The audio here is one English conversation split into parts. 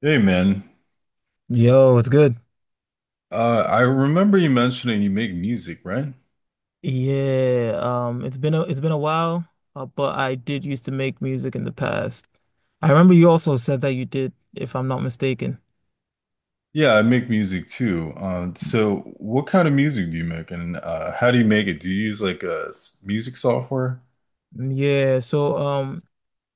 Hey man, Yo, it's good. I remember you mentioning you make music, right? Yeah, it's been a while, but I did used to make music in the past. I remember you also said that you did, if I'm not mistaken. Yeah, I make music too. So what kind of music do you make, and how do you make it? Do you use like a music software? Mm. Yeah, so,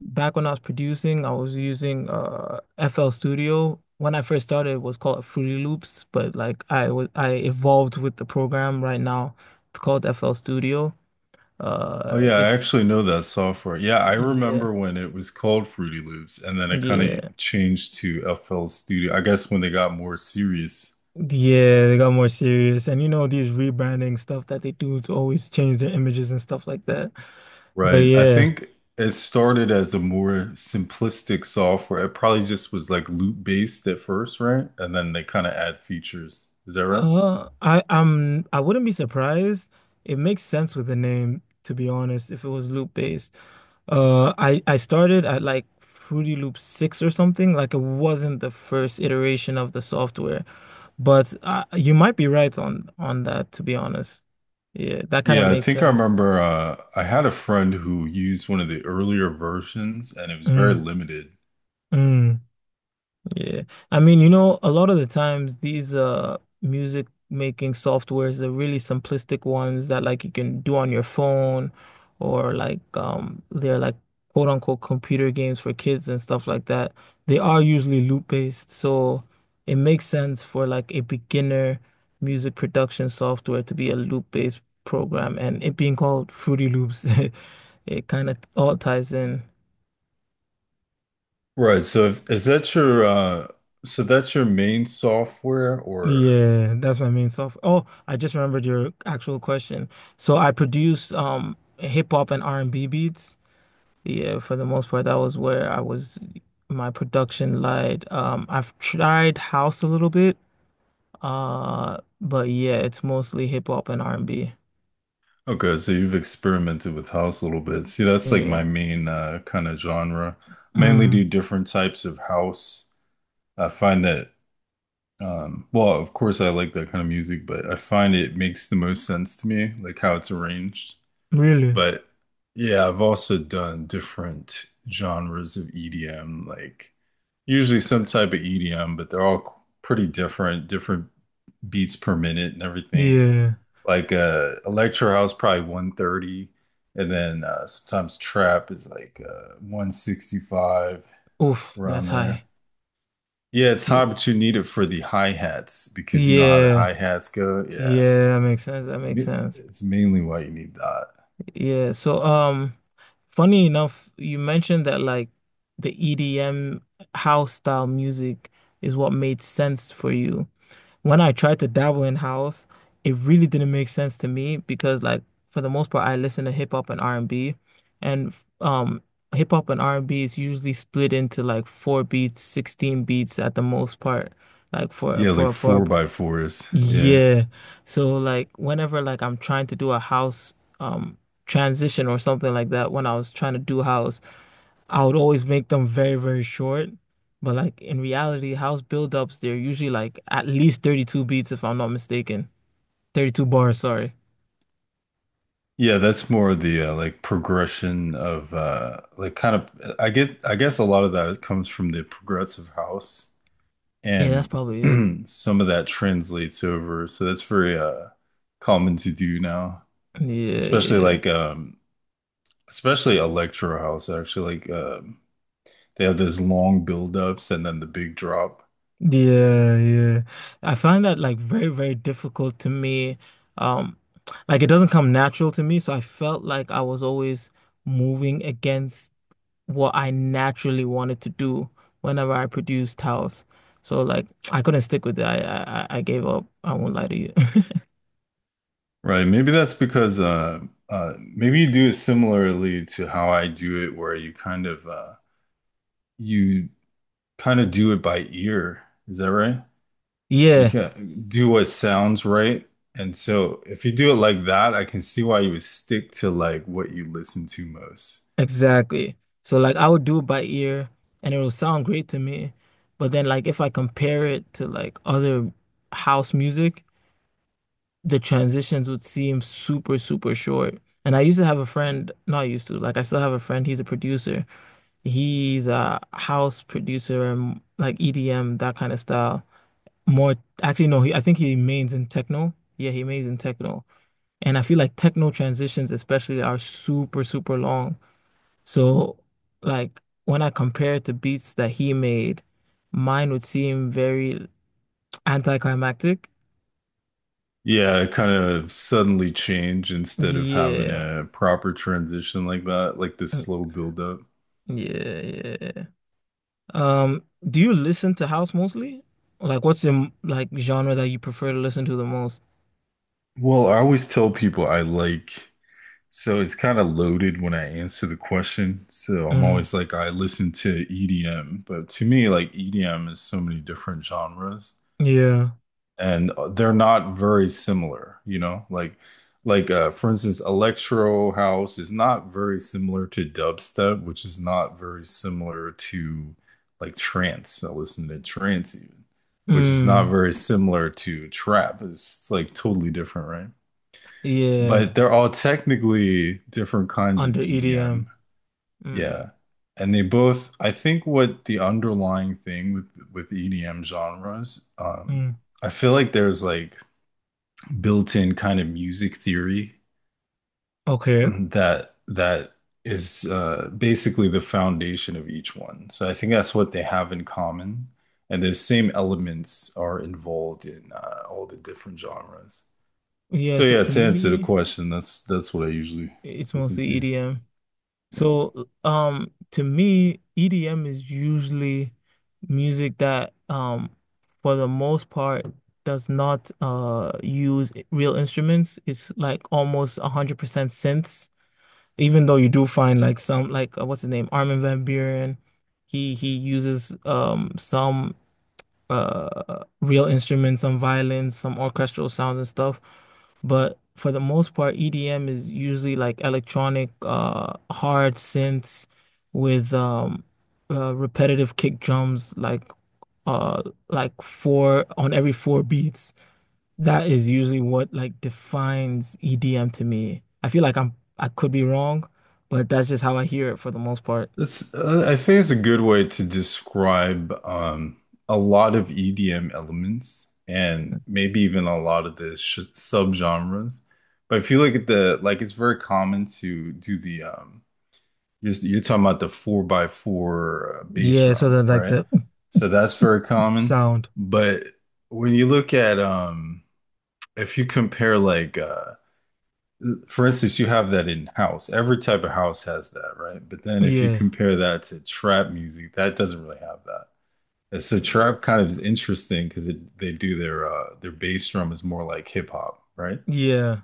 back when I was producing, I was using FL Studio. When I first started, it was called Fruity Loops, but like I evolved with the program. Right now, it's called FL Studio. Oh yeah, I It's actually know that software. Yeah, I Yeah, remember when it was called Fruity Loops, and then it kind yeah. of changed to FL Studio. I guess when they got more serious. Yeah, they got more serious. And these rebranding stuff that they do to always change their images and stuff like that. But Right. I yeah, think it started as a more simplistic software. It probably just was like loop based at first, right? And then they kind of add features. Is that right? I wouldn't be surprised. It makes sense with the name, to be honest, if it was loop based. I started at like Fruity Loop 6 or something. Like it wasn't the first iteration of the software, but you might be right on that, to be honest. Yeah, that kind of Yeah, I makes think I sense. remember I had a friend who used one of the earlier versions and it was very Mm, limited. mm. Yeah. I mean, a lot of the times these music making softwares, the really simplistic ones that like you can do on your phone or like they're like quote unquote computer games for kids and stuff like that. They are usually loop based, so it makes sense for like a beginner music production software to be a loop based program and it being called Fruity Loops. It kind of all ties in. Right. So if, is that your so that's your main software or Yeah, that's my main stuff. Oh, I just remembered your actual question. So I produced hip hop and R&B beats. Yeah, for the most part, that was where I was my production lied. I've tried house a little bit, but yeah, it's mostly hip hop and R&B. okay, so you've experimented with house a little bit. See, that's like my Yeah. main kind of genre. Mainly do Mm, different types of house. I find that um, well, of course, I like that kind of music, but I find it makes the most sense to me, like how it's arranged. really? But yeah, I've also done different genres of EDM, like usually some type of EDM, but they're all pretty different, different beats per minute and everything. Yeah. Like electro house, probably 130, and then sometimes trap is like 165 Oof, that's around there. high. Yeah, it's hard, Yeah. but you need it for the hi-hats because you know how the Yeah. hi-hats go. Yeah. Yeah, that makes sense. That makes sense. It's mainly why you need that. Yeah. So, funny enough, you mentioned that like the EDM house style music is what made sense for you. When I tried to dabble in house, it really didn't make sense to me because like for the most part I listen to hip hop and R&B and um hip hop and R&B is usually split into like four beats, 16 beats at the most part like Yeah, like for four by fours. Yeah. yeah. So like whenever like I'm trying to do a house um transition or something like that, when I was trying to do house, I would always make them very, very short. But like in reality, house build-ups, they're usually like at least 32 beats if I'm not mistaken. 32 bars, sorry. Yeah, that's more of the like progression of like kind of. I guess a lot of that comes from the progressive house Yeah, that's and probably it. some of that translates over. So that's very common to do now. Yeah, Especially yeah. like especially electro house actually like um. They have this long buildups and then the big drop. Yeah, yeah. I find that like very, very difficult to me. Um, like it doesn't come natural to me, so I felt like I was always moving against what I naturally wanted to do whenever I produced house. So like I couldn't stick with it. I gave up. I won't lie to you. Right. Maybe that's because maybe you do it similarly to how I do it where you kind of do it by ear. Is that right? You Yeah, can do what sounds right. And so if you do it like that, I can see why you would stick to like what you listen to most. exactly. So like I would do it by ear and it'll sound great to me. But then like if I compare it to like other house music, the transitions would seem super, super short. And I used to have a friend, not used to, like I still have a friend, he's a producer. He's a house producer and like EDM, that kind of style. More, actually no, he I think he mains in techno. Yeah, he mains in techno. And I feel like techno transitions especially are super super long. So like when I compare it to beats that he made, mine would seem very anticlimactic. Yeah, kind of suddenly change instead of having Yeah. a proper transition like that, like this Mm, slow buildup. yeah, yeah. um do you listen to house mostly, like what's your like genre that you prefer to listen to the most? Well, I always tell people I like so it's kind of loaded when I answer the question. So I'm Mm, always like, I listen to EDM, but to me, like EDM is so many different genres, yeah. and they're not very similar. You know, like for instance, electro house is not very similar to dubstep, which is not very similar to like trance. I listen to trance even, which is not Mm, very similar to trap. It's like totally different, right? yeah, But they're all technically different kinds of under EDM. EDM. Mm. Yeah. And they both, I think what the underlying thing with EDM genres, Mm. I feel like there's like built-in kind of music theory Okay. that is basically the foundation of each one. So I think that's what they have in common. And the same elements are involved in all the different genres. Yeah, So so yeah, to to answer the me, question, that's what I usually it's listen mostly to. EDM. Yeah. So, to me, EDM is usually music that, for the most part, does not use real instruments. It's like almost 100% synths, even though you do find like some like what's his name, Armin van Buuren. He uses some real instruments, some violins, some orchestral sounds and stuff. But for the most part, EDM is usually like electronic hard synths with repetitive kick drums uh like four on every four beats. That is usually what like defines EDM to me. I feel like I could be wrong, but that's just how I hear it for the most part. That's I think it's a good way to describe a lot of EDM elements and maybe even a lot of the sh subgenres. But if you look at the like, it's very common to do the you're talking about the four by four bass Yeah, so drum, the right? So that's very common. sound. But when you look at if you compare like for instance, you have that in house. Every type of house has that, right? But then if you Yeah. compare that to trap music, that doesn't really have that. And so trap kind of is interesting because it they do their bass drum is more like hip hop, right? Yeah.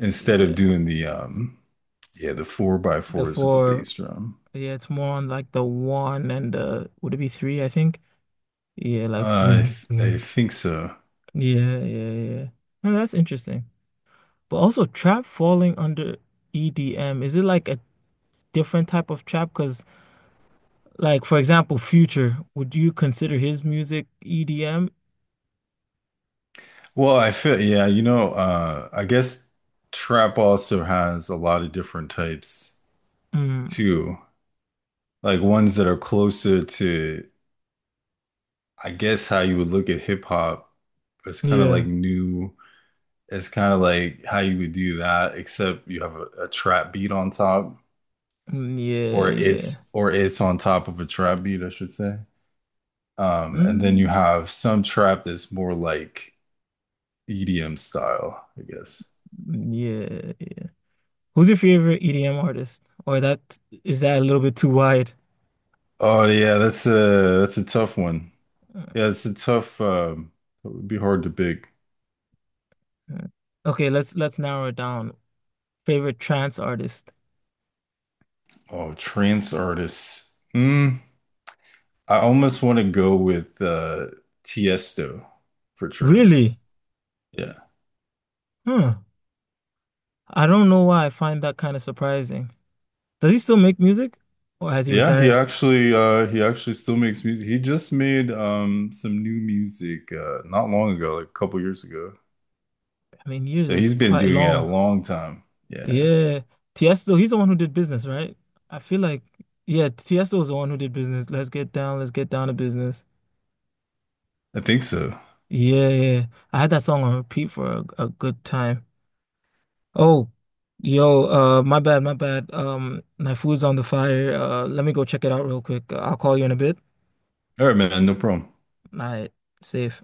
Instead of Yeah. doing the um, yeah, the four by The fours with the four, bass drum. yeah, it's more on like the one and the would it be three, I think? Yeah, like Uh, I boom, th- I boom. think so. Yeah, yeah, yeah. No, that's interesting. But also trap falling under EDM, is it like a different type of trap? Because like for example, Future, would you consider his music EDM? Well, I feel yeah, you know, I guess trap also has a lot of different types Mm, too. Like ones that are closer to I guess how you would look at hip hop, it's kind of like yeah. new. It's kind of like how you would do that, except you have a trap beat on top, Mm, yeah, yeah. Or it's on top of a trap beat, I should say. And then Mm, you have some trap that's more like EDM style, I guess. yeah. Who's your favorite EDM artist? Or that, is that a little bit too wide? Oh yeah, that's a tough one. Yeah, it's a tough. It would be hard to pick. Mm. Okay, let's narrow it down. Favorite trance artist. Oh, trance artists. Mm. I almost want to go with Tiesto for trends. Really? Yeah. Huh. I don't know why I find that kind of surprising. Does he still make music? Or has he Yeah, retired? He actually still makes music. He just made some new music not long ago, like a couple years ago. I mean, years So is he's been quite doing it a long. long time. Yeah. Yeah. Tiesto, he's the one who did business, right? I feel like yeah, Tiesto was the one who did business. Let's get down to business. I think so. Yeah, yeah, yeah. I had that song on repeat for a good time. Oh, yo, my bad, my bad. My food's on the fire. Let me go check it out real quick. I'll call you in a bit. All right, man, no problem. All right, safe.